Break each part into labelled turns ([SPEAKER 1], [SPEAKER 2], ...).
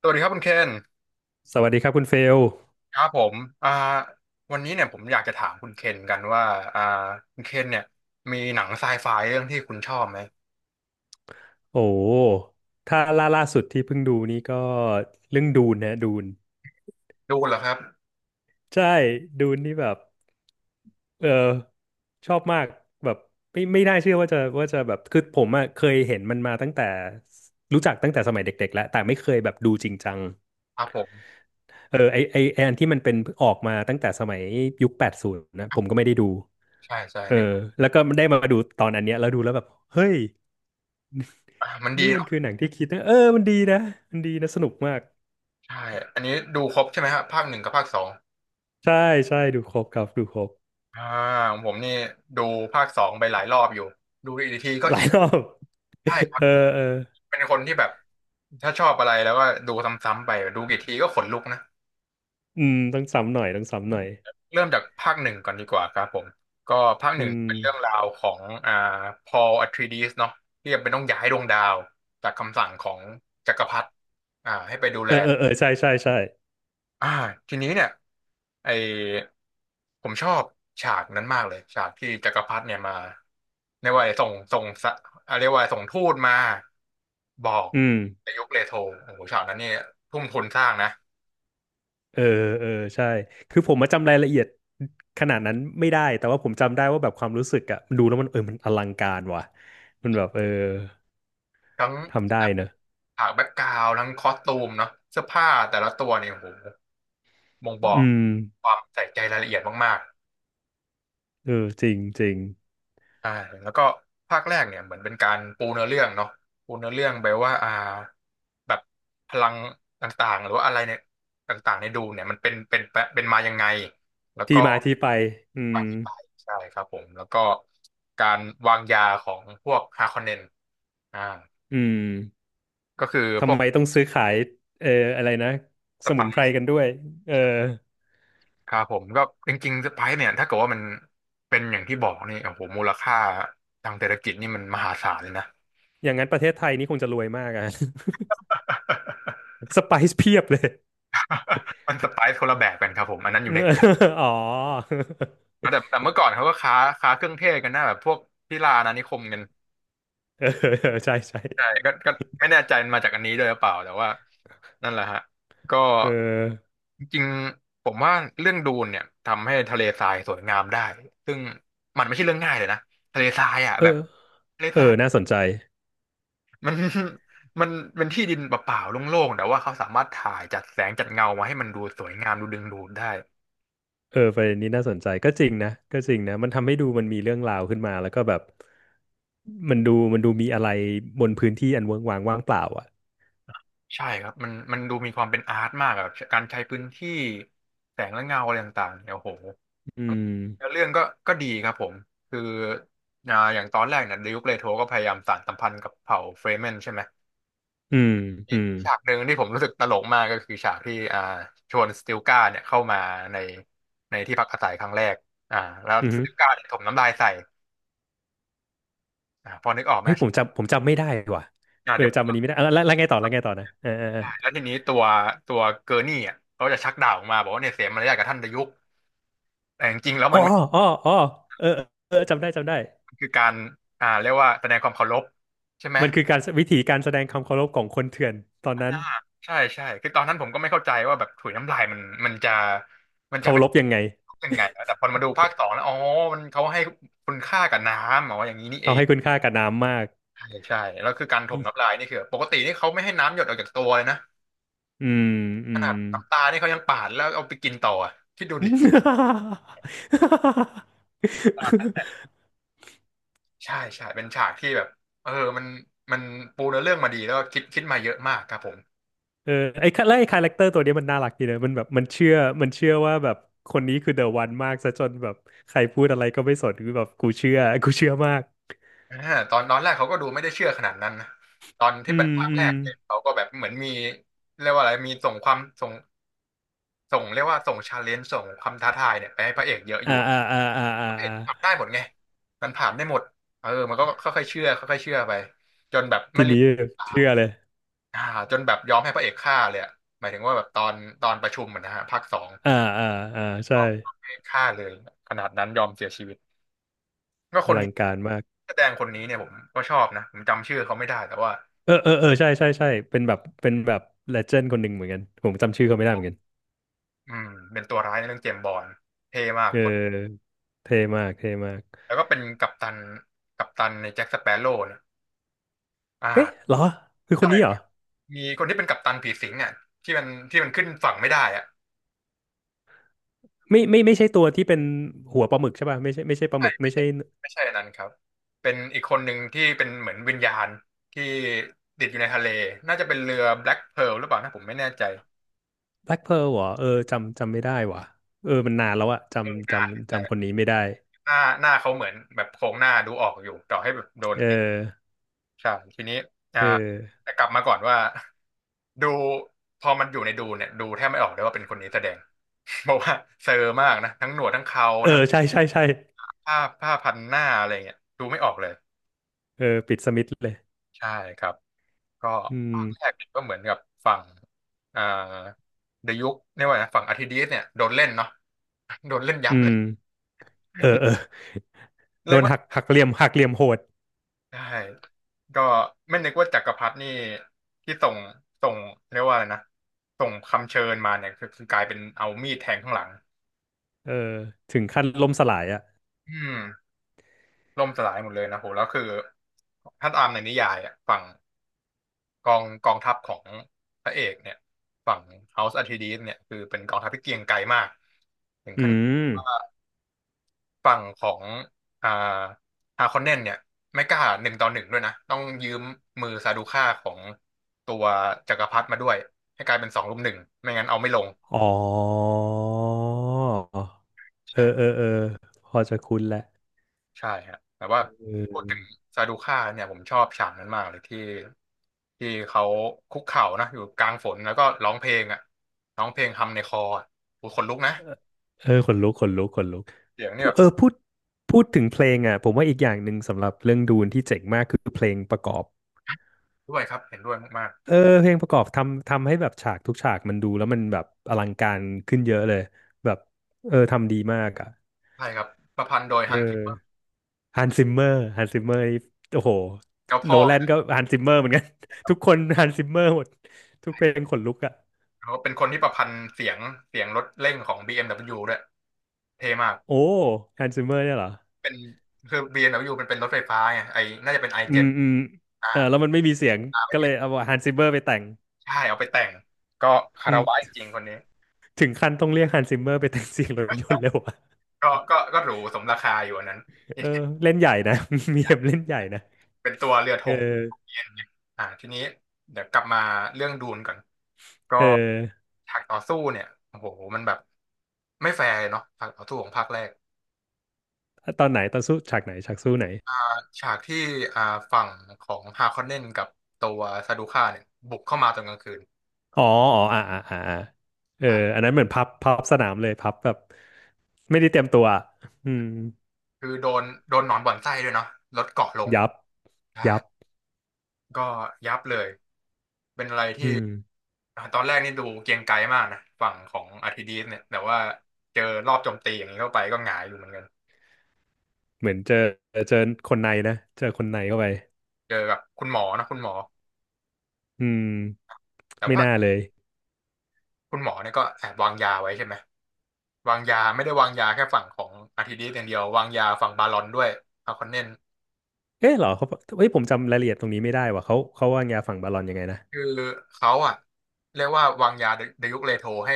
[SPEAKER 1] สวัสดีครับคุณเคน
[SPEAKER 2] สวัสดีครับคุณเฟล
[SPEAKER 1] ครับผมอ่าวันนี้เนี่ยผมอยากจะถามคุณเคนกันว่าอ่าคุณเคนเนี่ยมีหนังไซไฟเรื่องที่คุณชอบไหม
[SPEAKER 2] โอ้ถ้าล่าสุดที่เพิ่งดูนี่ก็เรื่องดูนนะดูน
[SPEAKER 1] ดูเหรอครับ
[SPEAKER 2] ใช่ ดูนนี่แบบ เออ ชอบมากแบบไม่น่าเชื่อว่าจะแบบคือผมอะเคยเห็นมันมาตั้งแต่รู้จักตั้งแต่สมัยเด็กๆแล้ว แต่ไม่เคยแบบดูจริงจัง
[SPEAKER 1] ครับผม
[SPEAKER 2] เอออันที่มันเป็นออกมาตั้งแต่สมัยยุคแปดศูนย์นะผมก็ไม่ได้ดู
[SPEAKER 1] ใช่ใช่
[SPEAKER 2] เออ
[SPEAKER 1] นึก
[SPEAKER 2] แล้วก็ได้มาดูตอนอันเนี้ยแล้วดูแล้วแบบเฮ้ย
[SPEAKER 1] มันดี
[SPEAKER 2] นี่มันคือ
[SPEAKER 1] เนาะ
[SPEAKER 2] หนังที่คิดนะเออมันดีนะมันดีนะสนุกมาก
[SPEAKER 1] ใช่อันนี้ดูครบใช่ไหมครับภาคหนึ่งกับภาคสอง
[SPEAKER 2] ใช่ใช่ดูครบครับดูครบ
[SPEAKER 1] อ่าของผมนี่ดูภาคสองไปหลายรอบอยู่ดูอีกทีก็
[SPEAKER 2] หลา
[SPEAKER 1] อิ
[SPEAKER 2] ย
[SPEAKER 1] น
[SPEAKER 2] รอบ
[SPEAKER 1] ใช่ค รับ
[SPEAKER 2] เออเออ
[SPEAKER 1] เป็นคนที่แบบถ้าชอบอะไรแล้วก็ดูซ้ำๆไปดูกี่ทีก็ขนลุกนะ
[SPEAKER 2] อืมต้องซ้ำหน่อยต้องซ้ำหน่อย
[SPEAKER 1] เริ่มจากภาคหนึ่งก่อนดีกว่าครับผมก็ภาคห
[SPEAKER 2] อื
[SPEAKER 1] นึ่ง
[SPEAKER 2] ม
[SPEAKER 1] เป็นเรื่องราวของพอลอะทรีดิสเนาะที่จำเป็นต้องย้ายดวงดาวจากคำสั่งของจักรพรรดิให้ไปดู
[SPEAKER 2] เอ
[SPEAKER 1] แล
[SPEAKER 2] อเออเออใช่ใช่ใช่
[SPEAKER 1] อ่าทีนี้เนี่ยไอผมชอบฉากนั้นมากเลยฉากที่จักรพรรดิเนี่ยมาเรียกว่าส่งสะเรียกว่าส่งทูตมาบอก
[SPEAKER 2] อืม
[SPEAKER 1] ในยุคเลโทโอ้โหฉากนั้นเนี่ยทุ่มทุนสร้างนะ
[SPEAKER 2] เออเออใช่คือผมมาจำรายละเอียดขนาดนั้นไม่ได้แต่ว่าผมจำได้ว่าแบบความรู้สึกอะดูแล้วมันเออมันอลังการว่ะมันแบบเออ
[SPEAKER 1] ทั้ง
[SPEAKER 2] ทำได้เนอะ
[SPEAKER 1] ฉากแบ็กกราวด์ทั้งคอสตูมเนาะเสื้อผ้าแต่ละตัวเนี่ยโอ้โหบ่งบอก
[SPEAKER 2] อืม
[SPEAKER 1] ความใส่ใจรายละเอียดมาก
[SPEAKER 2] เออจริงจริง
[SPEAKER 1] ๆใช่แล้วก็ภาคแรกเนี่ยเหมือนเป็นการปูเนื้อเรื่องเนาะปูเนื้อเรื่องไปว่าแบบพลังต่างๆหรือว่าอะไรเนี่ยต่างๆในดูเนี่ยมันเป็นมายังไงแล้ว
[SPEAKER 2] ที่
[SPEAKER 1] ก็
[SPEAKER 2] มาที่ไปอืม
[SPEAKER 1] มาที่ไปใช่ครับผมแล้วก็การวางยาของพวกฮาคอนเนนอ่า
[SPEAKER 2] อืม
[SPEAKER 1] ก็คือพ
[SPEAKER 2] ทำ
[SPEAKER 1] วก
[SPEAKER 2] ไมต้องซื้อขายเอออะไรนะ
[SPEAKER 1] ส
[SPEAKER 2] สมุ
[SPEAKER 1] ปา
[SPEAKER 2] น
[SPEAKER 1] ย
[SPEAKER 2] ไพรกันด้วยเออ
[SPEAKER 1] ครับผมก็จริงๆรไพร์เนี่ยถ้าเกิดว่ามันเป็นอย่างที่บอกนี่โอ้โหมูลค่าทางเศรษฐกิจนี่มันมหาศาลเลยนะ
[SPEAKER 2] อย่างนั้นประเทศไทยนี่คงจะรวยมากอะ สไปซ์เพียบเลย
[SPEAKER 1] มันสไปซ์คนละแบบกันครับผมอันนั้นอยู่ในแต่
[SPEAKER 2] อ๋อ
[SPEAKER 1] แต่เมื่อก่อนเขาก็ค้าเครื่องเทศกันหน้าแบบพวกที่ลาอาณานิคมกัน
[SPEAKER 2] เออใช่ใช่
[SPEAKER 1] ใช่ก็ก็ไม่แน่ใจมันมาจากอันนี้ด้วยหรือเปล่าแต่ว่านั่นแหละฮะก็
[SPEAKER 2] เออ
[SPEAKER 1] จริงๆผมว่าเรื่องดูนเนี่ยทำให้ทะเลทรายสวยงามได้ซึ่งมันไม่ใช่เรื่องง่ายเลยนะทะเลทรายอ่ะ
[SPEAKER 2] เอ
[SPEAKER 1] แบบ
[SPEAKER 2] อ
[SPEAKER 1] ทะเล
[SPEAKER 2] เอ
[SPEAKER 1] ทรา
[SPEAKER 2] อ
[SPEAKER 1] ย
[SPEAKER 2] น่าสนใจ
[SPEAKER 1] มัน มันเป็นที่ดินเปล่าๆโล่งๆแต่ว่าเขาสามารถถ่ายจัดแสงจัดเงามาให้มันดูสวยงามดูดึงดูดได้
[SPEAKER 2] เออประเด็นนี้น่าสนใจก็จริงนะก็จริงนะมันทำให้ดูมันมีเรื่องราวขึ้นมาแล้วก็แบบมันดูมันดูมีอะไรบนพื้นที่อันเวิ้งว้างว่างเปล่าอ่ะ
[SPEAKER 1] ใช่ครับมันมันดูมีความเป็นอาร์ตมากอะการใช้พื้นที่แสงและเงาอะไรต่างๆเนี่ยโอ้โห
[SPEAKER 2] อืม
[SPEAKER 1] แล้วเรื่องก็ก็ดีครับผมคืออย่างตอนแรกเนี่ยดิวเลโทก็พยายามสานสัมพันธ์กับเผ่าเฟรเมนใช่ไหม
[SPEAKER 2] อืม
[SPEAKER 1] มี
[SPEAKER 2] อืม
[SPEAKER 1] ฉากหนึ่งที่ผมรู้สึกตลกมากก็คือฉากที่ชวนสติลกาเนี่ยเข้ามาในในที่พักอาศัยครั้งแรกอ่าแล้ว
[SPEAKER 2] อื
[SPEAKER 1] ส
[SPEAKER 2] ม
[SPEAKER 1] ติลกาเนี่ยถมน้ำลายใส่ พอนึกออกไหม
[SPEAKER 2] เฮ้ยผมจำไม่ได้ว่ะเออ
[SPEAKER 1] เดี๋ยวผ
[SPEAKER 2] จำอันนี้
[SPEAKER 1] ม
[SPEAKER 2] ไม่ได้อ่ะแล้วไงต่อแล้วไงต่อนะเออเออเออ
[SPEAKER 1] แล้วทีนี้ตัวตัวเกอร์นี่อ่ะเขาจะชักดาบออกมาบอกว่าเนี่ยเสียมารยาทกับท่านดยุกแต่จริงๆแล้ว
[SPEAKER 2] อ๋
[SPEAKER 1] มั
[SPEAKER 2] อ
[SPEAKER 1] นไม่
[SPEAKER 2] อ๋ออ๋อเออเออจำได้จำได้
[SPEAKER 1] มันคือการเรียกว่าแสดงความเคารพใช่ไหม
[SPEAKER 2] มันคือการวิธีการแสดงความเคารพของคนเถื่อนตอนนั้น
[SPEAKER 1] ใช่ใช่คือตอนนั้นผมก็ไม่เข้าใจว่าแบบถุยน้ำลายมันมันจะมันจะ
[SPEAKER 2] เคา
[SPEAKER 1] เป็น
[SPEAKER 2] รพยังไง
[SPEAKER 1] ยังไงแต่พอมาดูภาคสองแล้วอ๋อมันเขาให้คุณค่ากับน้ำอ๋ออย่างนี้นี่เอ
[SPEAKER 2] เขา
[SPEAKER 1] ง
[SPEAKER 2] ให้คุณค่ากับน้ำมาก
[SPEAKER 1] ใช่ใช่แล้วคือการถมน้ำลายนี่คือปกตินี่เขาไม่ให้น้ำหยดออกจากตัวเลยนะ
[SPEAKER 2] อืมอื
[SPEAKER 1] ข
[SPEAKER 2] ม
[SPEAKER 1] นาดน้ำตานี่เขายังปาดแล้วเอาไปกินต่ออะคิดดูดิ ใช่ใช่เป็นฉากที่แบบเออมันมันปูเนื้อเรื่องมาดีแล้วก็คิดมาเยอะมากครับผม
[SPEAKER 2] เออไอ้คาแล้วไอ้คาแรคเตอร์ตัวเนี้ยมันน่ารักดีนะมันแบบมันเชื่อมันเชื่อว่าแบบคนนี้คือเดอะวันมากซะจนแบบใครพูดอะไรก็ไม่สนคือแบบกูเชื่อกูเชื่อมาก
[SPEAKER 1] อ่าตอนตอนแรกเขาก็ดูไม่ได้เชื่อขนาดนั้นนะตอนที่
[SPEAKER 2] อื
[SPEAKER 1] เป็น
[SPEAKER 2] ม
[SPEAKER 1] ภาค
[SPEAKER 2] อื
[SPEAKER 1] แร
[SPEAKER 2] ม
[SPEAKER 1] กเนี่ยเขาก็แบบเหมือนมีเรียกว่าอะไรมีส่งเรียกว่าส่งชาเลนจ์ส่งความท้าทายเนี่ยไปให้พระเอกเยอะอ
[SPEAKER 2] อ่า
[SPEAKER 1] ยู่
[SPEAKER 2] อ่าอ่าอ่าอ่า
[SPEAKER 1] พระเอก
[SPEAKER 2] อ่า
[SPEAKER 1] ทำได้หมดไงมันผ่านได้หมดเออมันก็ค่อยๆเชื่อค่อยๆเชื่อไปจนแบบไม่
[SPEAKER 2] ที
[SPEAKER 1] ลื
[SPEAKER 2] นี้
[SPEAKER 1] ม
[SPEAKER 2] เชื่อเลย
[SPEAKER 1] อ่าจนแบบยอมให้พระเอกฆ่าเลยอะหมายถึงว่าแบบตอนตอนประชุมอะนะฮะภาคสอง
[SPEAKER 2] อ่าอ่าอ่า
[SPEAKER 1] ย
[SPEAKER 2] ใช่
[SPEAKER 1] อมให้ฆ่าเลยขนาดนั้นยอมเสียชีวิตก็ค
[SPEAKER 2] อ
[SPEAKER 1] น
[SPEAKER 2] ลั
[SPEAKER 1] นี้
[SPEAKER 2] งการมาก
[SPEAKER 1] แสดงคนนี้เนี่ยผมก็ชอบนะผมจำชื่อเขาไม่ได้แต่ว่า
[SPEAKER 2] เออเออเออใช่ใช่ใช่เป็นแบบเป็นแบบเลเจนด์คนหนึ่งเหมือนกันผมจำชื่อเขาไม่ได้เหมือนกัน
[SPEAKER 1] อืมเป็นตัวร้ายในเรื่องเจมส์บอนด์เท่มาก
[SPEAKER 2] เ
[SPEAKER 1] คน
[SPEAKER 2] ออเท่มากเท่มาก
[SPEAKER 1] แล้วก็เป็นกัปตันกัปตันในแจ็คสเปโร่เนะอ่า
[SPEAKER 2] เอ๊ะเหรอคือคน
[SPEAKER 1] ใช่
[SPEAKER 2] นี้เห
[SPEAKER 1] ค
[SPEAKER 2] รอ
[SPEAKER 1] รับมีคนที่เป็นกัปตันผีสิงอ่ะที่มันที่มันขึ้นฝั่งไม่ได้อ่ะ
[SPEAKER 2] ไม่ไม่ไม่ใช่ตัวที่เป็นหัวปลาหมึกใช่ป่ะไม่ใช่ไม่ใช่ปลาห
[SPEAKER 1] ใช่
[SPEAKER 2] มึก
[SPEAKER 1] ไม่
[SPEAKER 2] ไม่
[SPEAKER 1] ใช่
[SPEAKER 2] ใช่
[SPEAKER 1] ไม่ใช่อันนั้นครับเป็นอีกคนหนึ่งที่เป็นเหมือนวิญญาณที่ติดอยู่ในทะเลน่าจะเป็นเรือ Black Pearl หรือเปล่านะผมไม่แน่ใจ
[SPEAKER 2] แบล็คเพิร์ลเหรอเออจำจำไม่ได้ว่ะเออมันนานแล้วอะ
[SPEAKER 1] เออ
[SPEAKER 2] จำจ
[SPEAKER 1] นา
[SPEAKER 2] ำ
[SPEAKER 1] น
[SPEAKER 2] จำคนนี้ไม่ได้
[SPEAKER 1] หน้าหน้าเขาเหมือนแบบโครงหน้าดูออกอยู่ต่อให้แบบโดน
[SPEAKER 2] เออ
[SPEAKER 1] ติใช่ทีนี้อ่า
[SPEAKER 2] เออ
[SPEAKER 1] แต่กลับมาก่อนว่า ดูพอมันอยู่ในดูเนี่ยดูแทบไม่ออกเลยว่าเป็นคนนี้แสดง เพราะว่าเซอร์มากนะทั้งหนวดทั้งเขา
[SPEAKER 2] เออ
[SPEAKER 1] ทั้ง
[SPEAKER 2] ใช่ใช่ใช่
[SPEAKER 1] ผ้าพันหน้าอะไรเงี้ยดูไม่ออกเลย
[SPEAKER 2] เออปิดสมิธเลย
[SPEAKER 1] ใช่ครับก็
[SPEAKER 2] อื
[SPEAKER 1] ภาคแร
[SPEAKER 2] ม
[SPEAKER 1] กเนี่ยก็เหมือนกับฝั่งอ่าเดยุคเนี่ยกว่านะฝั่งอาร์ทิดีสเนี่ยโดนเล่นเนาะ โดนเล่นยับ
[SPEAKER 2] อื
[SPEAKER 1] เล
[SPEAKER 2] ม
[SPEAKER 1] ย
[SPEAKER 2] เออเออโด
[SPEAKER 1] เรียก
[SPEAKER 2] น
[SPEAKER 1] ว่า
[SPEAKER 2] หักหักเหลี่ยมหักเหลี่ยมโหด
[SPEAKER 1] ใช่ก็ไม่นึกว่าจักรพรรดินี่ที่ส่งเรียกว่าอะไรนะส่งคำเชิญมาเนี่ยคือกลายเป็นเอามีดแทงข้างหลัง
[SPEAKER 2] เออถึงขั้นล่มสลายอ่ะ
[SPEAKER 1] อืมล่มสลายหมดเลยนะโหแล้วคือถ้าตามในนิยายอ่ะฝั่งกองทัพของพระเอกเนี่ยฝั่ง House Atreides เนี่ยคือเป็นกองทัพที่เกรียงไกรมาก
[SPEAKER 2] อืม
[SPEAKER 1] ฝั่งของอ่าฮาคอนเนนเนี่ยไม่กล้าหนึ่งต่อหนึ่งด้วยนะต้องยืมมือซาดูค่าของตัวจักรพรรดิมาด้วยให้กลายเป็นสองรุมหนึ่งไม่งั้นเอาไม่ลง
[SPEAKER 2] อ๋อ เอ
[SPEAKER 1] ใช่
[SPEAKER 2] อ เออเออพอจะคุ้นแหละ
[SPEAKER 1] ใช่ฮะแต่ว่า
[SPEAKER 2] เออ
[SPEAKER 1] พูดถึงซาดูค่าเนี่ยผมชอบฉากนั้นมากเลยที่เขาคุกเข่านะอยู่กลางฝนแล้วก็ร้องเพลงอ่ะร้องเพลงทำในคออ่ะโอ้ยขนลุกนะ
[SPEAKER 2] เออเออขนลุกขนลุกขนลุก
[SPEAKER 1] เสียงนี่
[SPEAKER 2] พูด
[SPEAKER 1] แบบ
[SPEAKER 2] เออ พูด พูดถึงเพลงอ่ะ ผมว่าอีกอย่างหนึ่งสำหรับเรื่องดูนที่เจ๋งมากคือเพลงประกอบ
[SPEAKER 1] ด้วยครับเห็นด้วยมาก
[SPEAKER 2] เออ เพลงประกอบทำให้แบบฉากทุกฉากมันดูแล้วมันแบบอลังการขึ้นเยอะเลย แบบ เออ ทำดีมากอ่ะ
[SPEAKER 1] ๆใช่ครับประพันธ์โดย
[SPEAKER 2] เอ
[SPEAKER 1] ฮั
[SPEAKER 2] อ
[SPEAKER 1] นส์
[SPEAKER 2] ฮันซิมเมอร์ฮันซิมเมอร์นี่โอ้โห
[SPEAKER 1] เจ้า
[SPEAKER 2] โน
[SPEAKER 1] พ่อ
[SPEAKER 2] แลนก็ฮันซิมเมอร์เหมือนกัน ทุกคนฮันซิมเมอร์หมดทุกเพลงขนลุกอ่ะ
[SPEAKER 1] เขาเป็นคนที่ประพันธ์เสียงรถเร่งของ BMW ดบเบิลยูด้วยเท่มาก
[SPEAKER 2] โอ้ฮันซิเมอร์เนี่ยเหรอ
[SPEAKER 1] เป็นคือ BMW มดับเบิลยูมันเป็นรถไฟฟ้าไงไอน่าจะเป็น i7 อ
[SPEAKER 2] อื
[SPEAKER 1] เจ็
[SPEAKER 2] ม
[SPEAKER 1] ด
[SPEAKER 2] อืม
[SPEAKER 1] อ่า
[SPEAKER 2] เออแล้วมันไม่มีเสียงก็เลยเอาฮันซิเมอร์ไปแต่ง
[SPEAKER 1] ใช่เอาไปแต่งก็คา
[SPEAKER 2] อื
[SPEAKER 1] ร
[SPEAKER 2] ม
[SPEAKER 1] วะจริงๆคนนี้
[SPEAKER 2] ถึงขั้นต้องเรียกฮันซิเมอร์ไปแต่งเสียงรถยนต์เลยวะ
[SPEAKER 1] ก็หรูสมราคาอยู่อันนั้นที
[SPEAKER 2] เอ
[SPEAKER 1] นี้
[SPEAKER 2] อเล่นใหญ่นะ มีเอ็มเล่นใหญ่นะ
[SPEAKER 1] เป็นตัวเรือธ
[SPEAKER 2] เออ
[SPEAKER 1] งของ BMW อมเนี่ยทีนี้เดี๋ยวกลับมาเรื่องดูนก่อนก็
[SPEAKER 2] เออ
[SPEAKER 1] ฉากต่อสู้เนี่ยโอ้โหมันแบบไม่แฟร์เลยเนาะฉากต่อสู้ของภาคแรก
[SPEAKER 2] ตอนไหนตอนสู้ฉากไหนฉากสู้ไหน
[SPEAKER 1] ฉากที่อ่าฝั่งของฮาคอนเนนกับตัวซาดูค่าเนี่ยบุกเข้ามาตอนกลางคืน
[SPEAKER 2] อ๋ออ๋ออ่าอ่าอ่าอ่าเออ
[SPEAKER 1] อ่ะ
[SPEAKER 2] อันนั้นเหมือนพับพับสนามเลยพับแบบไม่ได้เตรียมตัวอะอืม
[SPEAKER 1] คือโดนหนอนบ่อนไส้ด้วยเนาะรถเกาะลง
[SPEAKER 2] ยับ
[SPEAKER 1] ใช่
[SPEAKER 2] ยับ
[SPEAKER 1] ก็ยับเลยเป็นอะไรที่
[SPEAKER 2] อืม
[SPEAKER 1] อ่ะตอนแรกนี่ดูเกรียงไกรมากนะฝั่งของอาร์ทิดีสเนี่ยแต่ว่าเจอรอบโจมตีอย่างนี้เข้าไปก็หงายอยู่เหมือนกัน
[SPEAKER 2] เหมือนเจอเจอคนในนะเจอคนในเข้าไป
[SPEAKER 1] เจอกับคุณหมอนะคุณหมอ
[SPEAKER 2] อืม
[SPEAKER 1] แต่
[SPEAKER 2] ไม่
[SPEAKER 1] ว่า
[SPEAKER 2] น่าเลย
[SPEAKER 1] คุณหมอเนี่ยก็แอบวางยาไว้ใช่ไหมวางยาไม่ได้วางยาแค่ฝั่งของอาร์ทิดีสอย่างเดียววางยาฝั่งบาลอนด้วยฮาคอนเนน
[SPEAKER 2] เอ๊ะเหรอเขาเฮ้ยผมจำรายละเอียดตรงนี้ไม่ได้ว่ะเขาวางยาฝั่งบาลอนยังไงนะ
[SPEAKER 1] คือเขาอ่ะเรียกว่าวางยาเดยุคเลโทให้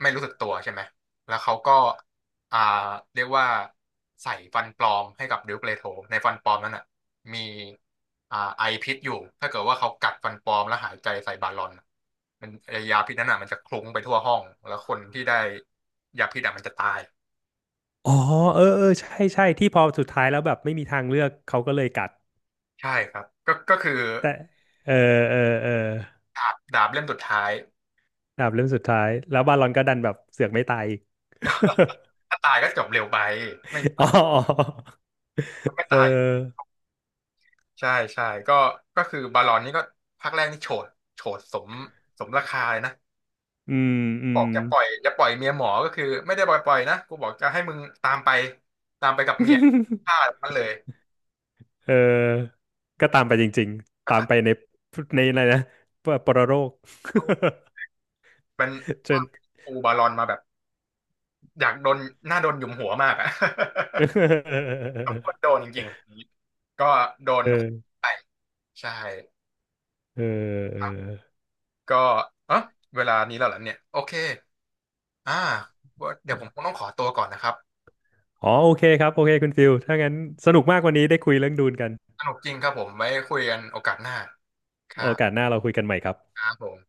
[SPEAKER 1] ไม่รู้สึกตัวใช่ไหมแล้วเขาก็อ่าเรียกว่าใส่ฟันปลอมให้กับเดยุคเลโทในฟันปลอมนั้นอ่ะมีไอพิษอยู่ ถ้าเกิดว่าเขากัดฟันปลอมแล้วหายใจใส่บาลอนมันไอ้ยาพิษนั้นอ่ะมันจะคลุ้งไปทั่วห้องแล้วคนที่ได้ยาพิษอ่ะมันจะตาย
[SPEAKER 2] อ๋อเออเออใช่ใช่ที่พอสุดท้ายแล้วแบบไม่มีทางเลือกเขาก็เลยกัด
[SPEAKER 1] ใช่ครับก็คือ
[SPEAKER 2] แต่เออเออเออ
[SPEAKER 1] ดาบเล่มสุดท้าย
[SPEAKER 2] ดาบเล่มสุดท้ายแล้วบาลอนก็ดันแบบเสือกไม่ตายอีก
[SPEAKER 1] ถ้าตายก็จบเร็วไปไม่
[SPEAKER 2] อ๋อ
[SPEAKER 1] ไม่
[SPEAKER 2] เออ
[SPEAKER 1] ตาย ใช่ใช่ก็คือบาลอนนี่ก็ภาคแรกนี่โฉดโฉดสมราคาเลยนะ
[SPEAKER 2] อืมอื
[SPEAKER 1] บอ
[SPEAKER 2] ม
[SPEAKER 1] กจะปล่อยเมียหมอก็คือไม่ได้ปล่อยปล่อยนะกูบอกจะให้มึงตามไปตามไปกับเมีย ฆ่ามันเลย
[SPEAKER 2] เออก็ตามไปจริงๆ
[SPEAKER 1] ก็
[SPEAKER 2] ตาม
[SPEAKER 1] ตัด
[SPEAKER 2] ไปในในอะไรนะปปรโรค
[SPEAKER 1] เข้าเป็น
[SPEAKER 2] เชิญ
[SPEAKER 1] ปูบาลอนมาแบบอยากโดนหน้าโดนหยุมหัวมากอะ
[SPEAKER 2] เอ อเอ
[SPEAKER 1] สมควร
[SPEAKER 2] อ
[SPEAKER 1] โดนจริงๆก็โดนไปใช่
[SPEAKER 2] เ
[SPEAKER 1] ค
[SPEAKER 2] อ
[SPEAKER 1] รับก็เออเวลานี้แล้วเหรอเนี่ยโอเคอ่าเดี๋ยวผม
[SPEAKER 2] อ
[SPEAKER 1] คงต้องขอตัวก่อนนะครับ
[SPEAKER 2] อ๋อโอเคครับโอเคคุณฟิลถ้างั้นสนุกมากวันนี้ได้คุยเรื่องดูนกัน
[SPEAKER 1] สนุกจริงครับผมไว้คุยกันโอกาสหน้าค
[SPEAKER 2] โอ
[SPEAKER 1] รับ
[SPEAKER 2] กาสหน้าเราคุยกันใหม่ครับ
[SPEAKER 1] ครับผม